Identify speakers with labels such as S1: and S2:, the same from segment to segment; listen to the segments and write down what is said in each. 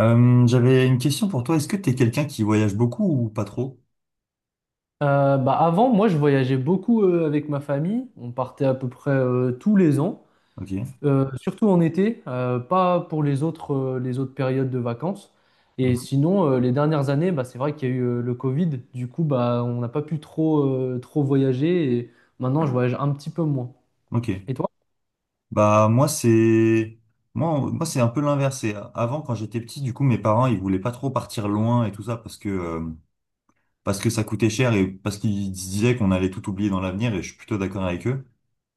S1: J'avais une question pour toi. Est-ce que tu es quelqu'un qui voyage beaucoup ou pas trop?
S2: Bah avant, moi, je voyageais beaucoup avec ma famille. On partait à peu près tous les ans,
S1: Ok.
S2: surtout en été, pas pour les autres périodes de vacances. Et
S1: Mhm.
S2: sinon, les dernières années, bah, c'est vrai qu'il y a eu le Covid. Du coup, bah, on n'a pas pu trop, trop voyager. Et maintenant, je voyage un petit peu moins.
S1: Ok.
S2: Et toi?
S1: Bah moi c'est moi c'est un peu l'inverse. Avant quand j'étais petit, du coup mes parents ils voulaient pas trop partir loin et tout ça parce que ça coûtait cher et parce qu'ils se disaient qu'on allait tout oublier dans l'avenir et je suis plutôt d'accord avec eux.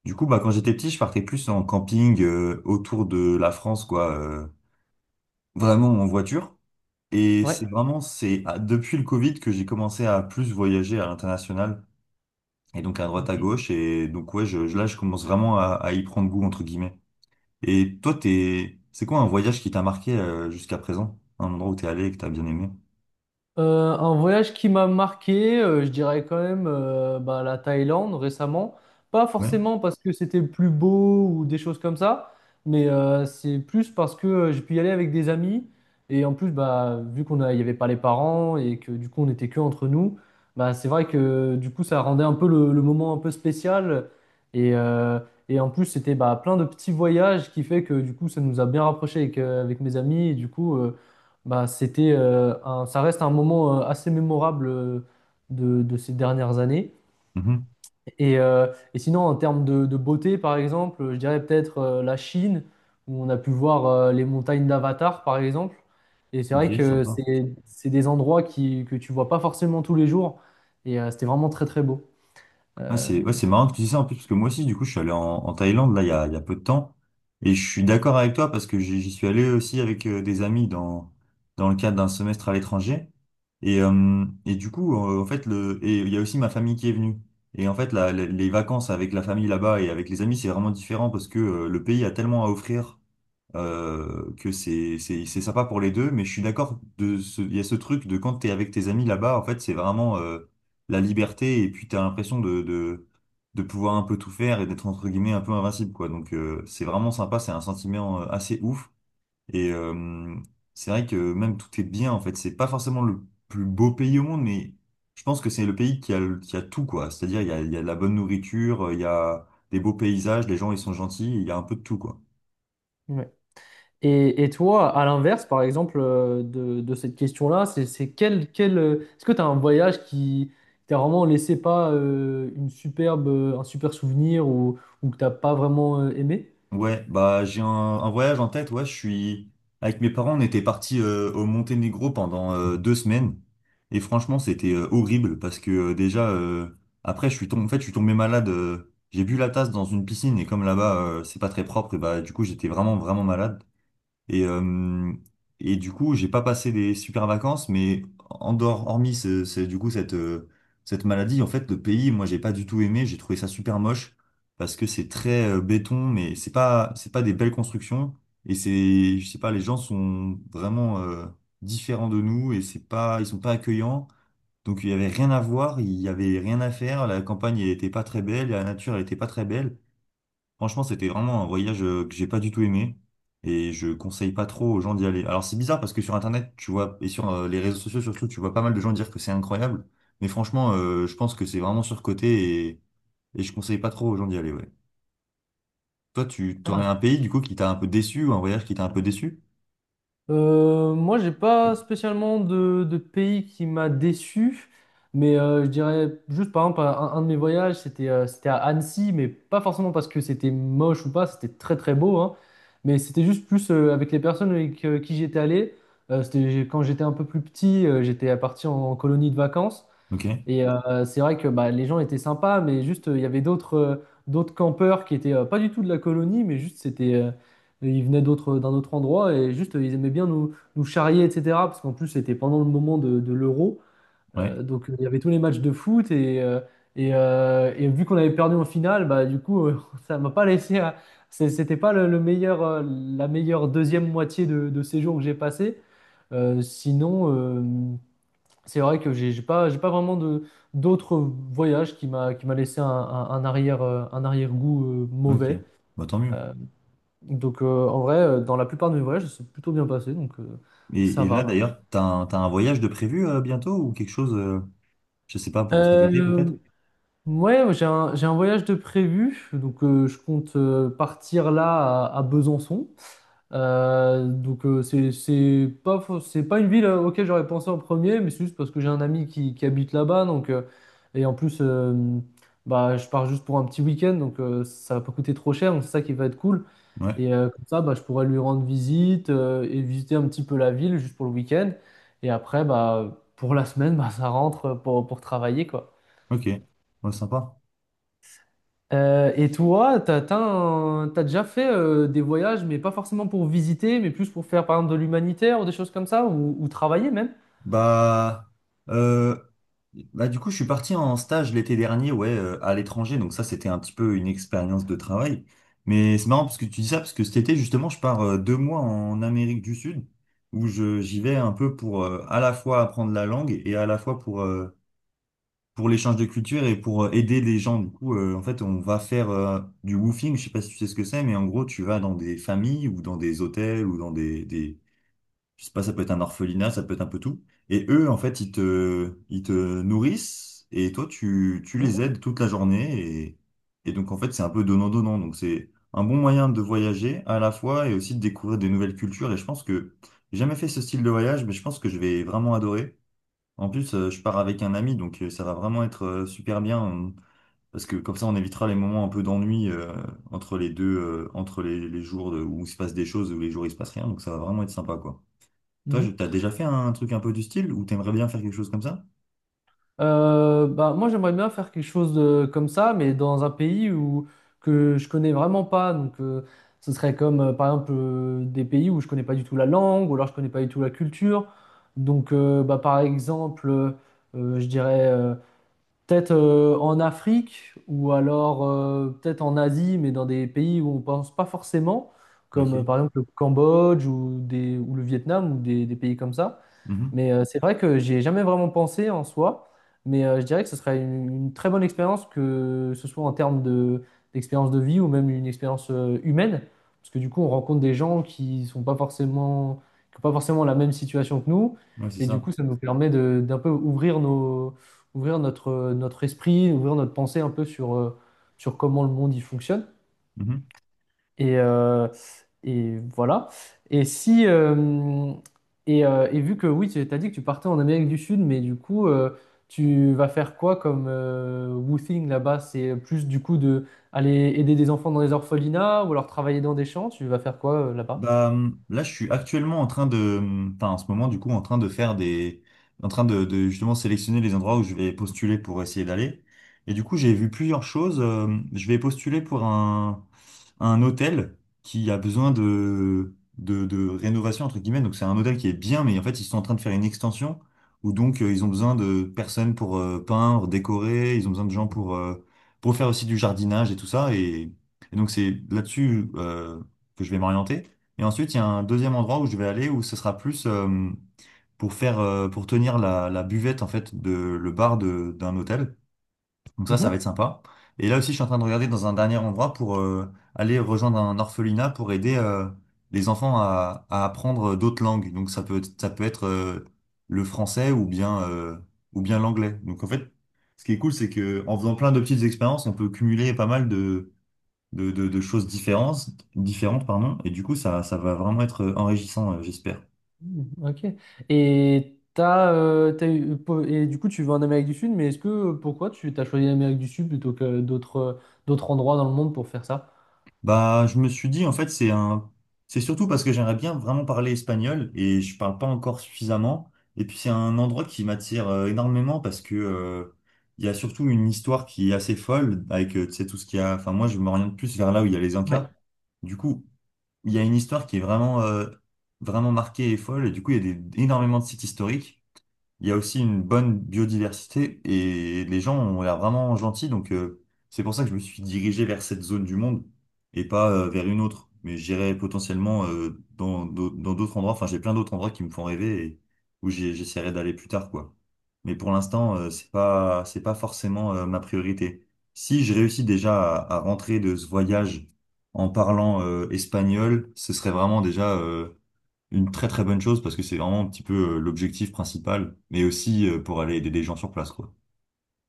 S1: Du coup bah quand j'étais petit, je partais plus en camping autour de la France quoi, vraiment en voiture. Et
S2: Ouais.
S1: c'est vraiment c'est ah, depuis le Covid que j'ai commencé à plus voyager à l'international. Et donc à droite à
S2: Ok.
S1: gauche. Et donc ouais, là, je commence vraiment à y prendre goût, entre guillemets. Et toi, c'est quoi un voyage qui t'a marqué jusqu'à présent? Un endroit où t'es allé et que t'as bien aimé?
S2: Un voyage qui m'a marqué, je dirais quand même bah, la Thaïlande récemment. Pas
S1: Ouais.
S2: forcément parce que c'était le plus beau ou des choses comme ça, mais c'est plus parce que j'ai pu y aller avec des amis. Et en plus, bah, il n'y avait pas les parents et que du coup on était que entre nous, bah, c'est vrai que du coup ça rendait un peu le moment un peu spécial. Et, euh, et en plus, c'était bah, plein de petits voyages qui fait que du coup ça nous a bien rapprochés avec, avec mes amis. Et du coup. Bah, c'était ça reste un moment assez mémorable de ces dernières années.
S1: Mhm.
S2: Et sinon, en termes de beauté, par exemple, je dirais peut-être la Chine, où on a pu voir les montagnes d'Avatar, par exemple. Et c'est
S1: Ok,
S2: vrai que
S1: sympa.
S2: c'est des endroits qui, que tu vois pas forcément tous les jours. C'était vraiment très, très beau. Euh,
S1: C'est ouais, c'est marrant que tu dis ça en plus, parce que moi aussi, du coup, je suis allé en Thaïlande, là, il y a peu de temps. Et je suis d'accord avec toi, parce que j'y suis allé aussi avec des amis dans le cadre d'un semestre à l'étranger. Et du coup, en fait, le, et il y a aussi ma famille qui est venue. Et en fait, les vacances avec la famille là-bas et avec les amis, c'est vraiment différent, parce que le pays a tellement à offrir que c'est c'est sympa pour les deux, mais je suis d'accord de ce, il y a ce truc de quand t'es avec tes amis là-bas, en fait, c'est vraiment la liberté et puis t'as l'impression de pouvoir un peu tout faire et d'être entre guillemets un peu invincible quoi. Donc c'est vraiment sympa, c'est un sentiment assez ouf et c'est vrai que même tout est bien en fait. C'est pas forcément le plus beau pays au monde, mais je pense que c'est le pays qui a tout quoi. C'est-à-dire il y a de la bonne nourriture, il y a des beaux paysages, les gens ils sont gentils, il y a un peu de tout quoi.
S2: ouais. Et toi, à l'inverse, par exemple, de cette question-là, c'est quel, quel, est-ce que tu as un voyage qui t'a vraiment laissé pas une superbe, un super souvenir ou que t'as pas vraiment aimé?
S1: Ouais, bah j'ai un voyage en tête, ouais, je suis avec mes parents, on était partis au Monténégro pendant 2 semaines et franchement, c'était horrible parce que déjà après je suis tombé en fait, je suis tombé malade, j'ai bu la tasse dans une piscine et comme là-bas c'est pas très propre, et bah du coup, j'étais vraiment malade. Et, euh, et du coup, j'ai pas passé des super vacances, mais en dehors, hormis cette maladie, en fait, le pays, moi, j'ai pas du tout aimé. J'ai trouvé ça super moche parce que c'est très béton, mais c'est pas des belles constructions. Et c'est, je sais pas, les gens sont vraiment différents de nous et c'est pas, ils sont pas accueillants. Donc il y avait rien à voir, il y avait rien à faire. La campagne, elle était pas très belle, la nature, elle était pas très belle. Franchement, c'était vraiment un voyage que j'ai pas du tout aimé et je conseille pas trop aux gens d'y aller. Alors c'est bizarre parce que sur Internet, tu vois, et sur les réseaux sociaux surtout, tu vois pas mal de gens dire que c'est incroyable. Mais franchement, je pense que c'est vraiment surcoté et je conseille pas trop aux gens d'y aller, ouais. Toi, tu t'aurais un pays du coup qui t'a un peu déçu ou un voyage qui t'a un peu déçu?
S2: Moi, j'ai pas spécialement de pays qui m'a déçu, mais je dirais juste par exemple un de mes voyages, c'était à Annecy, mais pas forcément parce que c'était moche ou pas, c'était très très beau, hein, mais c'était juste plus avec les personnes avec qui j'étais allé. Quand j'étais un peu plus petit, j'étais parti en colonie de vacances
S1: Ok,
S2: et c'est vrai que bah, les gens étaient sympas, mais juste, il y avait d'autres d'autres campeurs qui étaient pas du tout de la colonie, mais juste, ils venaient d'un autre endroit et juste, ils aimaient bien nous, nous charrier, etc. Parce qu'en plus, c'était pendant le moment de l'Euro.
S1: ouais,
S2: Donc, il y avait tous les matchs de foot et vu qu'on avait perdu en finale, bah, du coup, ça m'a pas laissé. C'était pas le, le meilleur, la meilleure deuxième moitié de séjour que j'ai passé. Sinon. C'est vrai que j'ai pas vraiment de d'autres voyages qui m'a laissé un arrière, un arrière-goût
S1: ok,
S2: mauvais.
S1: bah tant mieux.
S2: Euh, donc en vrai, dans la plupart de mes voyages, c'est plutôt bien passé, donc ça
S1: Et là
S2: va.
S1: d'ailleurs, t'as t'as un voyage de prévu bientôt ou quelque chose, je sais pas, pour cet été
S2: Euh,
S1: peut-être?
S2: ouais, j'ai un voyage de prévu, donc je compte partir là à Besançon. Donc c'est pas une ville auquel j'aurais pensé en premier, mais c'est juste parce que j'ai un ami qui habite là-bas, donc et en plus bah je pars juste pour un petit week-end, donc ça va pas coûter trop cher, donc c'est ça qui va être cool.
S1: Ouais,
S2: Et comme ça, bah, je pourrais lui rendre visite et visiter un petit peu la ville juste pour le week-end. Et après, bah pour la semaine, bah ça rentre pour travailler quoi.
S1: ok, ouais, sympa.
S2: Et toi, t'as déjà fait des voyages, mais pas forcément pour visiter, mais plus pour faire par exemple de l'humanitaire ou des choses comme ça, ou travailler même?
S1: Bah, euh, Bah du coup, je suis parti en stage l'été dernier, ouais, à l'étranger. Donc ça, c'était un petit peu une expérience de travail. Mais c'est marrant parce que tu dis ça, parce que cet été, justement, je pars 2 mois en Amérique du Sud, où je j'y vais un peu pour à la fois apprendre la langue et à la fois pour l'échange de culture et pour aider les gens. Du coup, en fait, on va faire du woofing. Je sais pas si tu sais ce que c'est, mais en gros, tu vas dans des familles ou dans des hôtels ou dans des je sais pas, ça peut être un orphelinat, ça peut être un peu tout. Et eux, en fait, ils te nourrissent et toi, tu les aides toute la journée. Et donc, en fait, c'est un peu donnant-donnant. Donc, c'est un bon moyen de voyager à la fois et aussi de découvrir des nouvelles cultures. Et je pense que j'ai jamais fait ce style de voyage, mais je pense que je vais vraiment adorer. En plus, je pars avec un ami, donc ça va vraiment être super bien. Parce que comme ça, on évitera les moments un peu d'ennui entre les deux, entre les où il se passe des choses ou les jours où il se passe rien. Donc ça va vraiment être sympa, quoi. Toi,
S2: Mhm.
S1: t'as déjà fait un truc un peu du style ou t'aimerais bien faire quelque chose comme ça?
S2: Bah, moi, j'aimerais bien faire quelque chose de, comme ça, mais dans un pays où, que je connais vraiment pas. Donc, ce serait comme, par exemple, des pays où je connais pas du tout la langue, ou alors je connais pas du tout la culture. Donc, bah, par exemple, je dirais peut-être en Afrique ou alors peut-être en Asie, mais dans des pays où on pense pas forcément,
S1: Ok.
S2: comme par exemple le Cambodge ou le Vietnam ou des pays comme ça.
S1: Mhm.
S2: Mais c'est vrai que j'y ai jamais vraiment pensé en soi, mais je dirais que ce serait une très bonne expérience, que ce soit en termes de, d'expérience de vie ou même une expérience humaine, parce que du coup on rencontre des gens qui sont pas forcément, qui ont pas forcément la même situation que nous,
S1: Ouais, c'est
S2: et du
S1: ça.
S2: coup ça nous permet de, d'un peu ouvrir nos, ouvrir notre, notre esprit, ouvrir notre pensée un peu sur, sur comment le monde y fonctionne.
S1: Mhm.
S2: Et, euh, et voilà. Et si et, et vu que oui, tu as dit que tu partais en Amérique du Sud, mais du coup, tu vas faire quoi comme woofing là-bas? C'est plus du coup de aller aider des enfants dans les orphelinats ou alors travailler dans des champs? Tu vas faire quoi là-bas?
S1: Bah, là, je suis actuellement en train de, enfin, en ce moment, du coup, en train de justement sélectionner les endroits où je vais postuler pour essayer d'aller. Et du coup, j'ai vu plusieurs choses. Je vais postuler pour un hôtel qui a besoin de rénovation, entre guillemets. Donc, c'est un hôtel qui est bien, mais en fait, ils sont en train de faire une extension où donc, ils ont besoin de personnes pour peindre, décorer. Ils ont besoin de gens pour faire aussi du jardinage et tout ça. Et donc, c'est là-dessus, que je vais m'orienter. Et ensuite, il y a un deuxième endroit où je vais aller où ce sera plus pour faire pour tenir la buvette en fait de le bar de d'un hôtel. Donc ça va
S2: Mhm.
S1: être sympa. Et là aussi, je suis en train de regarder dans un dernier endroit pour aller rejoindre un orphelinat pour aider les enfants à apprendre d'autres langues. Donc ça peut être le français ou bien l'anglais. Donc en fait, ce qui est cool, c'est que en faisant plein de petites expériences, on peut cumuler pas mal de choses différentes, différentes, pardon, et du coup, ça va vraiment être enrichissant, j'espère.
S2: Mhm, ok. Et du coup, tu vas en Amérique du Sud, mais est-ce que pourquoi tu t'as choisi l'Amérique du Sud plutôt que d'autres endroits dans le monde pour faire ça?
S1: Bah, je me suis dit, en fait, c'est surtout parce que j'aimerais bien vraiment parler espagnol et je parle pas encore suffisamment. Et puis, c'est un endroit qui m'attire énormément parce que, il y a surtout une histoire qui est assez folle avec, tu sais, tout ce qu'il y a. Enfin, moi, je m'oriente plus vers là où il y a les Incas. Du coup, il y a une histoire qui est vraiment, vraiment marquée et folle. Et du coup, il y a des- énormément de sites historiques. Il y a aussi une bonne biodiversité et les gens ont l'air vraiment gentils, donc c'est pour ça que je me suis dirigé vers cette zone du monde et pas vers une autre. Mais j'irai potentiellement dans d'autres endroits. Enfin, j'ai plein d'autres endroits qui me font rêver et j'essaierai d'aller plus tard, quoi. Mais pour l'instant, c'est pas forcément ma priorité. Si je réussis déjà à rentrer de ce voyage en parlant espagnol, ce serait vraiment déjà une très très bonne chose parce que c'est vraiment un petit peu l'objectif principal, mais aussi pour aller aider des gens sur place, quoi.